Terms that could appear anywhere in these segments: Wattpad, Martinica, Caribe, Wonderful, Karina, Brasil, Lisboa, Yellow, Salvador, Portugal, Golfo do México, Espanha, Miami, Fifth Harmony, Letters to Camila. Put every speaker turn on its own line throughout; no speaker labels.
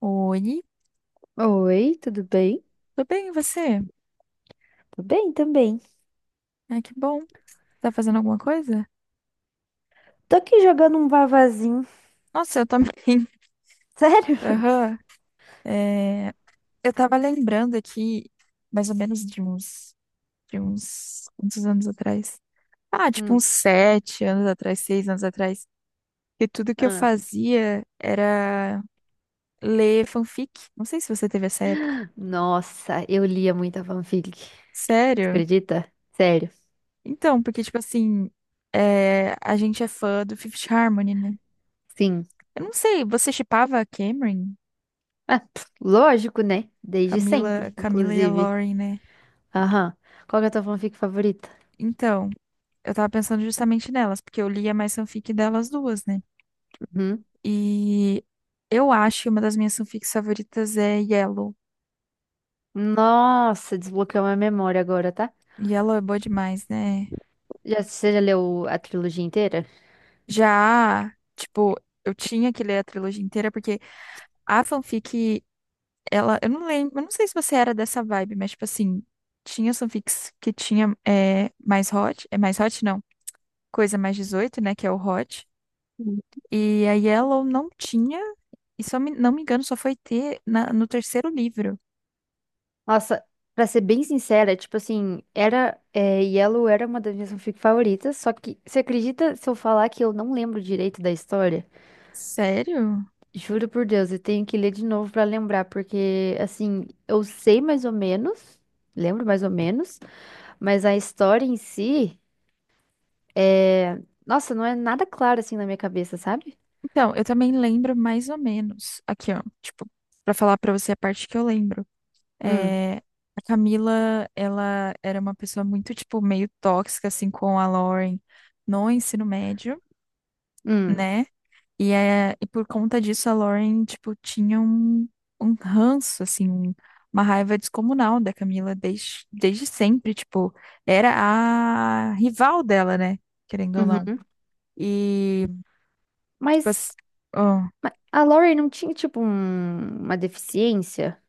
Oi,
Oi, tudo bem?
tudo bem, e você?
Tô bem também.
Ah, que bom. Tá fazendo alguma coisa?
Tô aqui jogando um vavazinho.
Nossa, eu também.
Sério?
Aham. É, eu tava lembrando aqui, mais ou menos de uns, quantos anos atrás? Ah, tipo
Hum,
uns 7 anos atrás, 6 anos atrás. Que tudo que eu
ah.
fazia era ler fanfic. Não sei se você teve essa época.
Nossa, eu lia muita fanfic. Tu
Sério?
acredita? Sério?
Então, porque, tipo assim, a gente é fã do Fifth Harmony, né?
Sim.
Eu não sei, você shippava a Cameron?
Ah, pff, lógico, né? Desde
Camila,
sempre,
Camila e a
inclusive.
Lauren, né?
Aham. Qual que é a tua fanfic favorita?
Então, eu tava pensando justamente nelas, porque eu lia mais fanfic delas duas, né?
Uhum.
E eu acho que uma das minhas fanfics favoritas é Yellow.
Nossa, desbloqueou minha memória agora, tá?
Yellow é boa demais, né?
Já, você já leu a trilogia inteira?
Já, tipo, eu tinha que ler a trilogia inteira, porque a fanfic, ela, eu não lembro, eu não sei se você era dessa vibe, mas, tipo assim, tinha as fanfics que tinha mais hot, é mais hot não, coisa mais 18, né, que é o hot. E a Yellow não tinha. E não me engano, só foi ter no terceiro livro.
Nossa, pra ser bem sincera, tipo assim, era, é, Yellow era uma das minhas fanfic favoritas, só que você acredita se eu falar que eu não lembro direito da história?
Sério?
Juro por Deus, eu tenho que ler de novo pra lembrar, porque assim, eu sei mais ou menos, lembro mais ou menos, mas a história em si é, nossa, não é nada claro assim na minha cabeça, sabe?
Então, eu também lembro mais ou menos. Aqui, ó. Tipo, pra falar pra você a parte que eu lembro.
Hum,
É, a Camila, ela era uma pessoa muito, tipo, meio tóxica, assim, com a Lauren no ensino médio,
hum,
né? E, e por conta disso, a Lauren, tipo, tinha um ranço, assim, uma raiva descomunal da Camila desde sempre, tipo, era a rival dela, né? Querendo ou não.
uhum.
E, tipo,
Mas
assim, ó,
a Laurie não tinha tipo uma deficiência?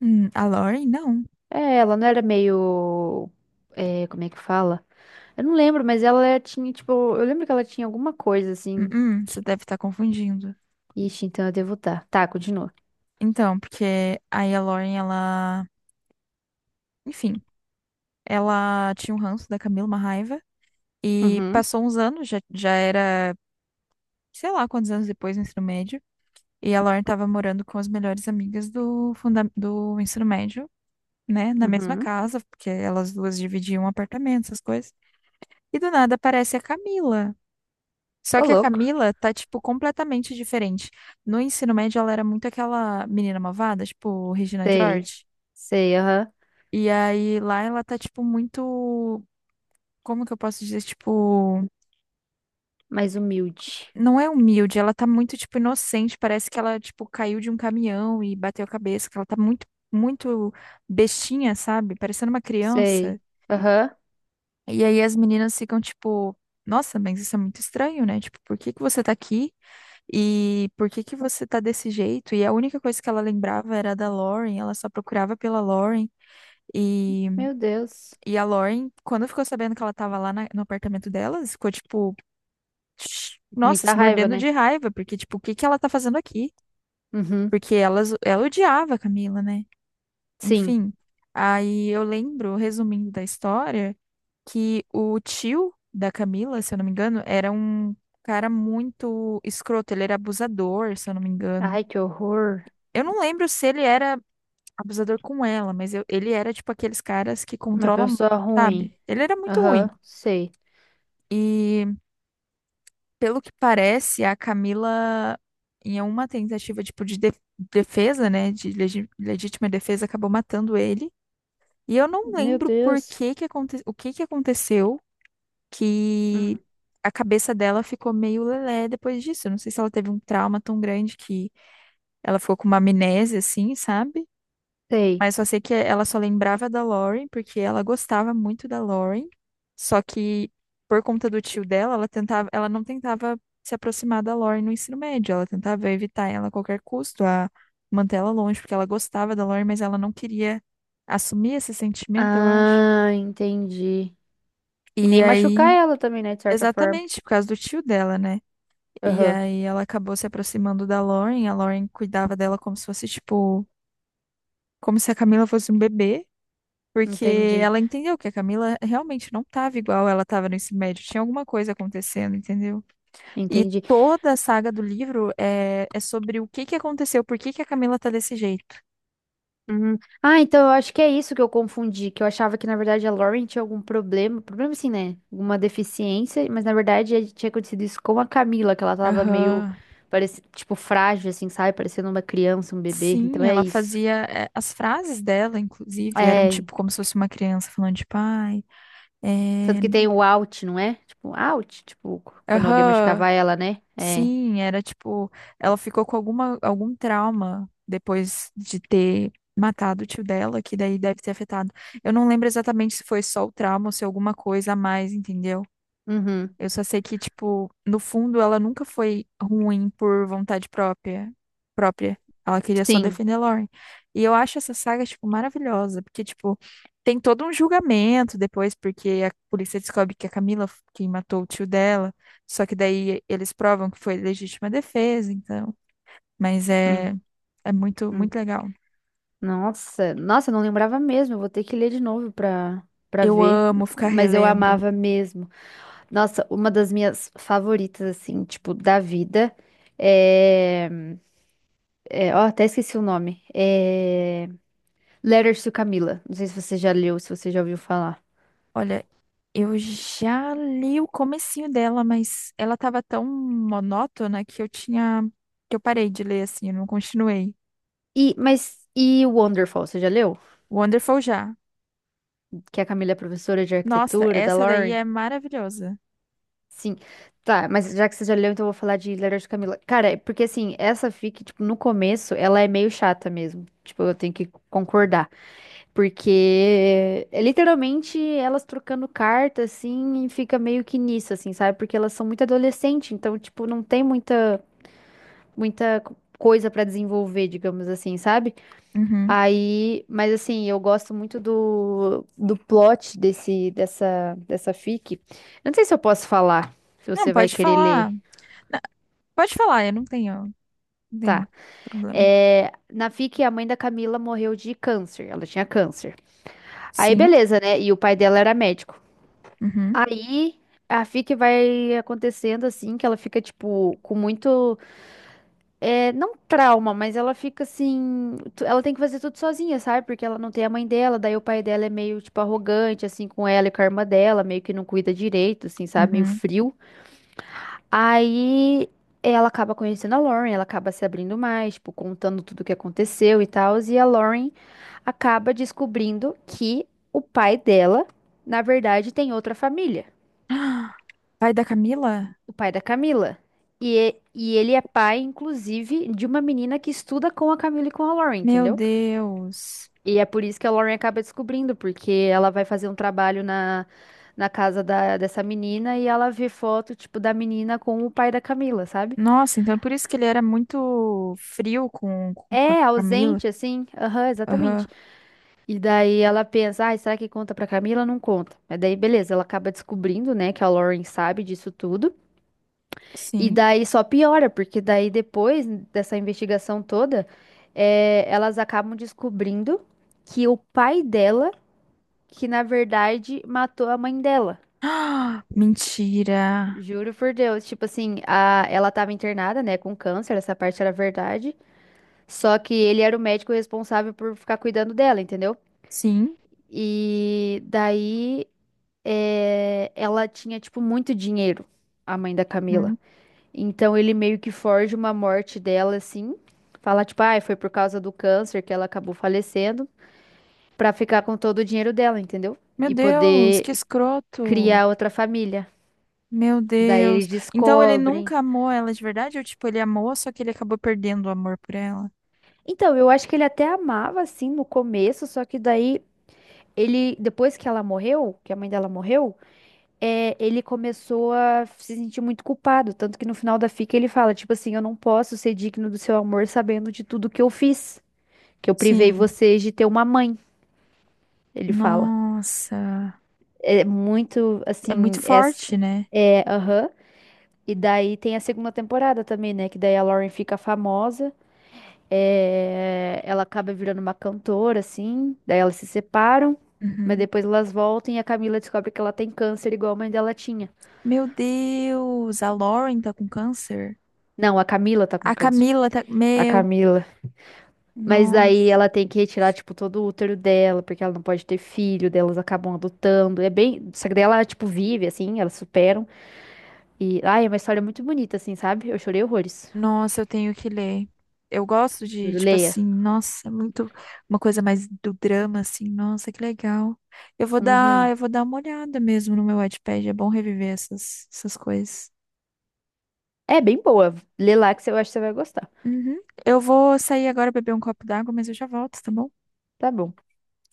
a Lauren, não.
É, ela não era meio. É, como é que fala? Eu não lembro, mas tinha, tipo. Eu lembro que ela tinha alguma coisa assim.
Você
que-
deve estar confundindo.
Ixi, então eu devo estar. Tá, continua.
Então, porque aí a Lauren, ela, enfim, ela tinha um ranço da Camila, uma raiva, e
Uhum,
passou uns anos, já era, sei lá quantos anos depois, no ensino médio. E a Lauren estava morando com as melhores amigas do, funda do ensino médio, né? Na mesma
uhum.
casa, porque elas duas dividiam um apartamento, essas coisas. E do nada aparece a Camila. Só
Ô,
que a
louco.
Camila tá, tipo, completamente diferente. No ensino médio, ela era muito aquela menina malvada, tipo, Regina
Sei.
George.
Sei, aham.
E aí lá ela tá, tipo, muito. Como que eu posso dizer? Tipo.
Mais humilde.
Não é humilde, ela tá muito, tipo, inocente. Parece que ela, tipo, caiu de um caminhão e bateu a cabeça, que ela tá muito, muito bestinha, sabe? Parecendo uma
Sei.
criança.
Aham.
E aí as meninas ficam, tipo, nossa, mas isso é muito estranho, né? Tipo, por que que você tá aqui? E por que que você tá desse jeito? E a única coisa que ela lembrava era da Lauren, ela só procurava pela Lauren. E,
Meu Deus.
e a Lauren, quando ficou sabendo que ela tava lá no apartamento delas, ficou, tipo, nossa,
Muita
se
raiva,
mordendo
né?
de raiva, porque, tipo, o que que ela tá fazendo aqui?
Uhum.
Porque elas, ela odiava a Camila, né?
Sim.
Enfim. Aí eu lembro, resumindo da história, que o tio da Camila, se eu não me engano, era um cara muito escroto. Ele era abusador, se eu não me engano.
Ai, que horror.
Eu não lembro se ele era abusador com ela, mas eu- ele era tipo aqueles caras que
Uma
controlam,
pessoa ruim.
sabe? Ele era muito ruim.
Aham, sei.
E pelo que parece, a Camila, em uma tentativa tipo defesa, né, de legítima defesa, acabou matando ele. E eu não
Meu
lembro por
Deus.
que que aconte... o que que aconteceu que
Hum.
a cabeça dela ficou meio lelé depois disso. Eu não sei se ela teve um trauma tão grande que ela ficou com uma amnésia, assim, sabe?
Sei.
Mas só sei que ela só lembrava da Lauren porque ela gostava muito da Lauren. Só que por conta do tio dela, ela tentava, ela não tentava se aproximar da Lauren no ensino médio. Ela tentava evitar ela a qualquer custo, a manter ela longe, porque ela gostava da Lauren, mas ela não queria assumir esse sentimento, eu acho.
Ah, entendi. E
E
nem machucar
aí,
ela também, né? De certa forma.
exatamente, por causa do tio dela, né? E
Aham.
aí ela acabou se aproximando da Lauren, a Lauren cuidava dela como se fosse, tipo, como se a Camila fosse um bebê, porque
Entendi.
ela entendeu que a Camila realmente não tava igual ela tava no ensino médio, tinha alguma coisa acontecendo, entendeu? E
Entendi.
toda a saga do livro é sobre o que que aconteceu, por que que a Camila tá desse jeito.
Uhum. Ah, então eu acho que é isso que eu confundi. Que eu achava que, na verdade, a Lauren tinha algum problema. Problema assim, né? Alguma deficiência. Mas, na verdade, tinha acontecido isso com a Camila. Que ela tava meio,
Aham.
parece, tipo, frágil, assim, sabe? Parecendo uma criança, um bebê. Então
Sim,
é
ela
isso.
fazia. As frases dela, inclusive, eram
É.
tipo como se fosse uma criança falando, de pai
Tanto
é,
que tem o out, não é? Tipo, out. Tipo, quando alguém
Aham.
machucava ela, né? É.
Sim, era tipo, ela ficou com alguma, algum trauma depois de ter matado o tio dela, que daí deve ter afetado. Eu não lembro exatamente se foi só o trauma ou se alguma coisa a mais, entendeu?
Uhum.
Eu só sei que, tipo, no fundo ela nunca foi ruim por vontade própria. Ela queria só
Sim.
defender a Lauren. E eu acho essa saga, tipo, maravilhosa, porque, tipo, tem todo um julgamento depois, porque a polícia descobre que a Camila quem matou o tio dela, só que daí eles provam que foi legítima defesa, então. Mas é,
Hum.
é muito,
Hum.
muito legal.
Nossa, nossa, eu não lembrava mesmo. Eu vou ter que ler de novo pra, pra
Eu
ver.
amo ficar
Mas eu
relendo.
amava mesmo. Nossa, uma das minhas favoritas, assim, tipo, da vida é. É, ó, até esqueci o nome. É. Letters to Camila. Não sei se você já leu, se você já ouviu falar.
Olha, eu já li o comecinho dela, mas ela tava tão monótona que eu parei de ler assim, eu não continuei.
E, mas. E Wonderful, você já leu?
Wonderful já.
Que a Camila é professora de
Nossa,
arquitetura da
essa daí
Lauren.
é maravilhosa.
Sim. Tá, mas já que você já leu, então eu vou falar de Letters to Camila. Cara, é porque assim, essa fic, tipo, no começo, ela é meio chata mesmo. Tipo, eu tenho que concordar. Porque é literalmente elas trocando carta, assim, e fica meio que nisso, assim, sabe? Porque elas são muito adolescentes, então, tipo, não tem muita, muita coisa pra desenvolver, digamos assim, sabe?
Uhum.
Aí, mas assim, eu gosto muito do, do plot desse, dessa, dessa fic. Eu não sei se eu posso falar, se
Não,
você vai
pode
querer ler.
falar. Na- Pode falar, eu não tenho
Tá.
problema.
É, na FIC, a mãe da Camila morreu de câncer. Ela tinha câncer. Aí,
Sim.
beleza, né? E o pai dela era médico.
Uhum.
Aí, a FIC vai acontecendo assim, que ela fica, tipo, com muito. É, não trauma, mas ela fica assim. Ela tem que fazer tudo sozinha, sabe? Porque ela não tem a mãe dela. Daí, o pai dela é meio, tipo, arrogante, assim, com ela e com a irmã dela. Meio que não cuida direito, assim, sabe? Meio
Uhum.
frio. Aí ela acaba conhecendo a Lauren, ela acaba se abrindo mais, tipo, contando tudo o que aconteceu e tal. E a Lauren acaba descobrindo que o pai dela, na verdade, tem outra família,
Ah, Pai da Camila?
o pai da Camila. E, e ele é pai, inclusive, de uma menina que estuda com a Camila e com a Lauren,
Meu
entendeu?
Deus.
E é por isso que a Lauren acaba descobrindo, porque ela vai fazer um trabalho na, na casa da, dessa menina e ela vê foto, tipo, da menina com o pai da Camila, sabe?
Nossa, então é por isso que ele era muito frio com a
É,
Camila.
ausente, assim. Aham,
Aham,
exatamente. E daí ela pensa, ai, será que conta pra Camila? Não conta. Mas daí, beleza, ela acaba descobrindo, né, que a Lauren sabe disso tudo. E
sim.
daí só piora, porque daí depois dessa investigação toda, é, elas acabam descobrindo que o pai dela, que na verdade matou a mãe dela.
Ah, mentira.
Juro por Deus. Tipo assim, a, ela tava internada, né, com câncer, essa parte era verdade. Só que ele era o médico responsável por ficar cuidando dela, entendeu?
Sim.
E daí eh, ela tinha, tipo, muito dinheiro, a mãe da Camila.
Hum.
Então ele meio que forja uma morte dela, assim. Fala, tipo, ah, foi por causa do câncer que ela acabou falecendo, pra ficar com todo o dinheiro dela, entendeu?
Meu
E
Deus,
poder
que escroto.
criar outra família.
Meu
Daí
Deus.
eles
Então ele
descobrem.
nunca amou ela de verdade? Ou tipo, ele amou, só que ele acabou perdendo o amor por ela?
Então, eu acho que ele até amava, assim, no começo, só que daí ele, depois que ela morreu, que a mãe dela morreu. É, ele começou a se sentir muito culpado, tanto que no final da fica ele fala, tipo assim, eu não posso ser digno do seu amor sabendo de tudo que eu fiz, que eu privei
Sim.
vocês de ter uma mãe, ele fala.
Nossa.
É muito,
É muito
assim, essa,
forte, né?
é, aham. E daí tem a segunda temporada também, né, que daí a Lauren fica famosa, é, ela acaba virando uma cantora, assim, daí elas se separam, mas
Uhum.
depois elas voltam e a Camila descobre que ela tem câncer igual a mãe dela tinha.
Meu Deus, a Lauren tá com câncer?
Não, a Camila tá com
A
câncer.
Camila tá.
A
Meu,
Camila mas daí
nossa.
ela tem que retirar, tipo, todo o útero dela, porque ela não pode ter filho, daí elas acabam adotando. É bem. Só que daí ela, tipo, vive, assim, elas superam. E, ai, é uma história muito bonita, assim, sabe? Eu chorei horrores.
Nossa, eu tenho que ler. Eu gosto de,
Juro,
tipo assim,
leia.
nossa, é muito uma coisa mais do drama, assim, nossa, que legal. Eu
Uhum.
vou dar uma olhada mesmo no meu Wattpad, é bom reviver essas coisas.
É bem boa. Lê lá que você- eu acho que você vai gostar.
Uhum. Eu vou sair agora beber um copo d'água, mas eu já volto, tá bom?
Tá bom.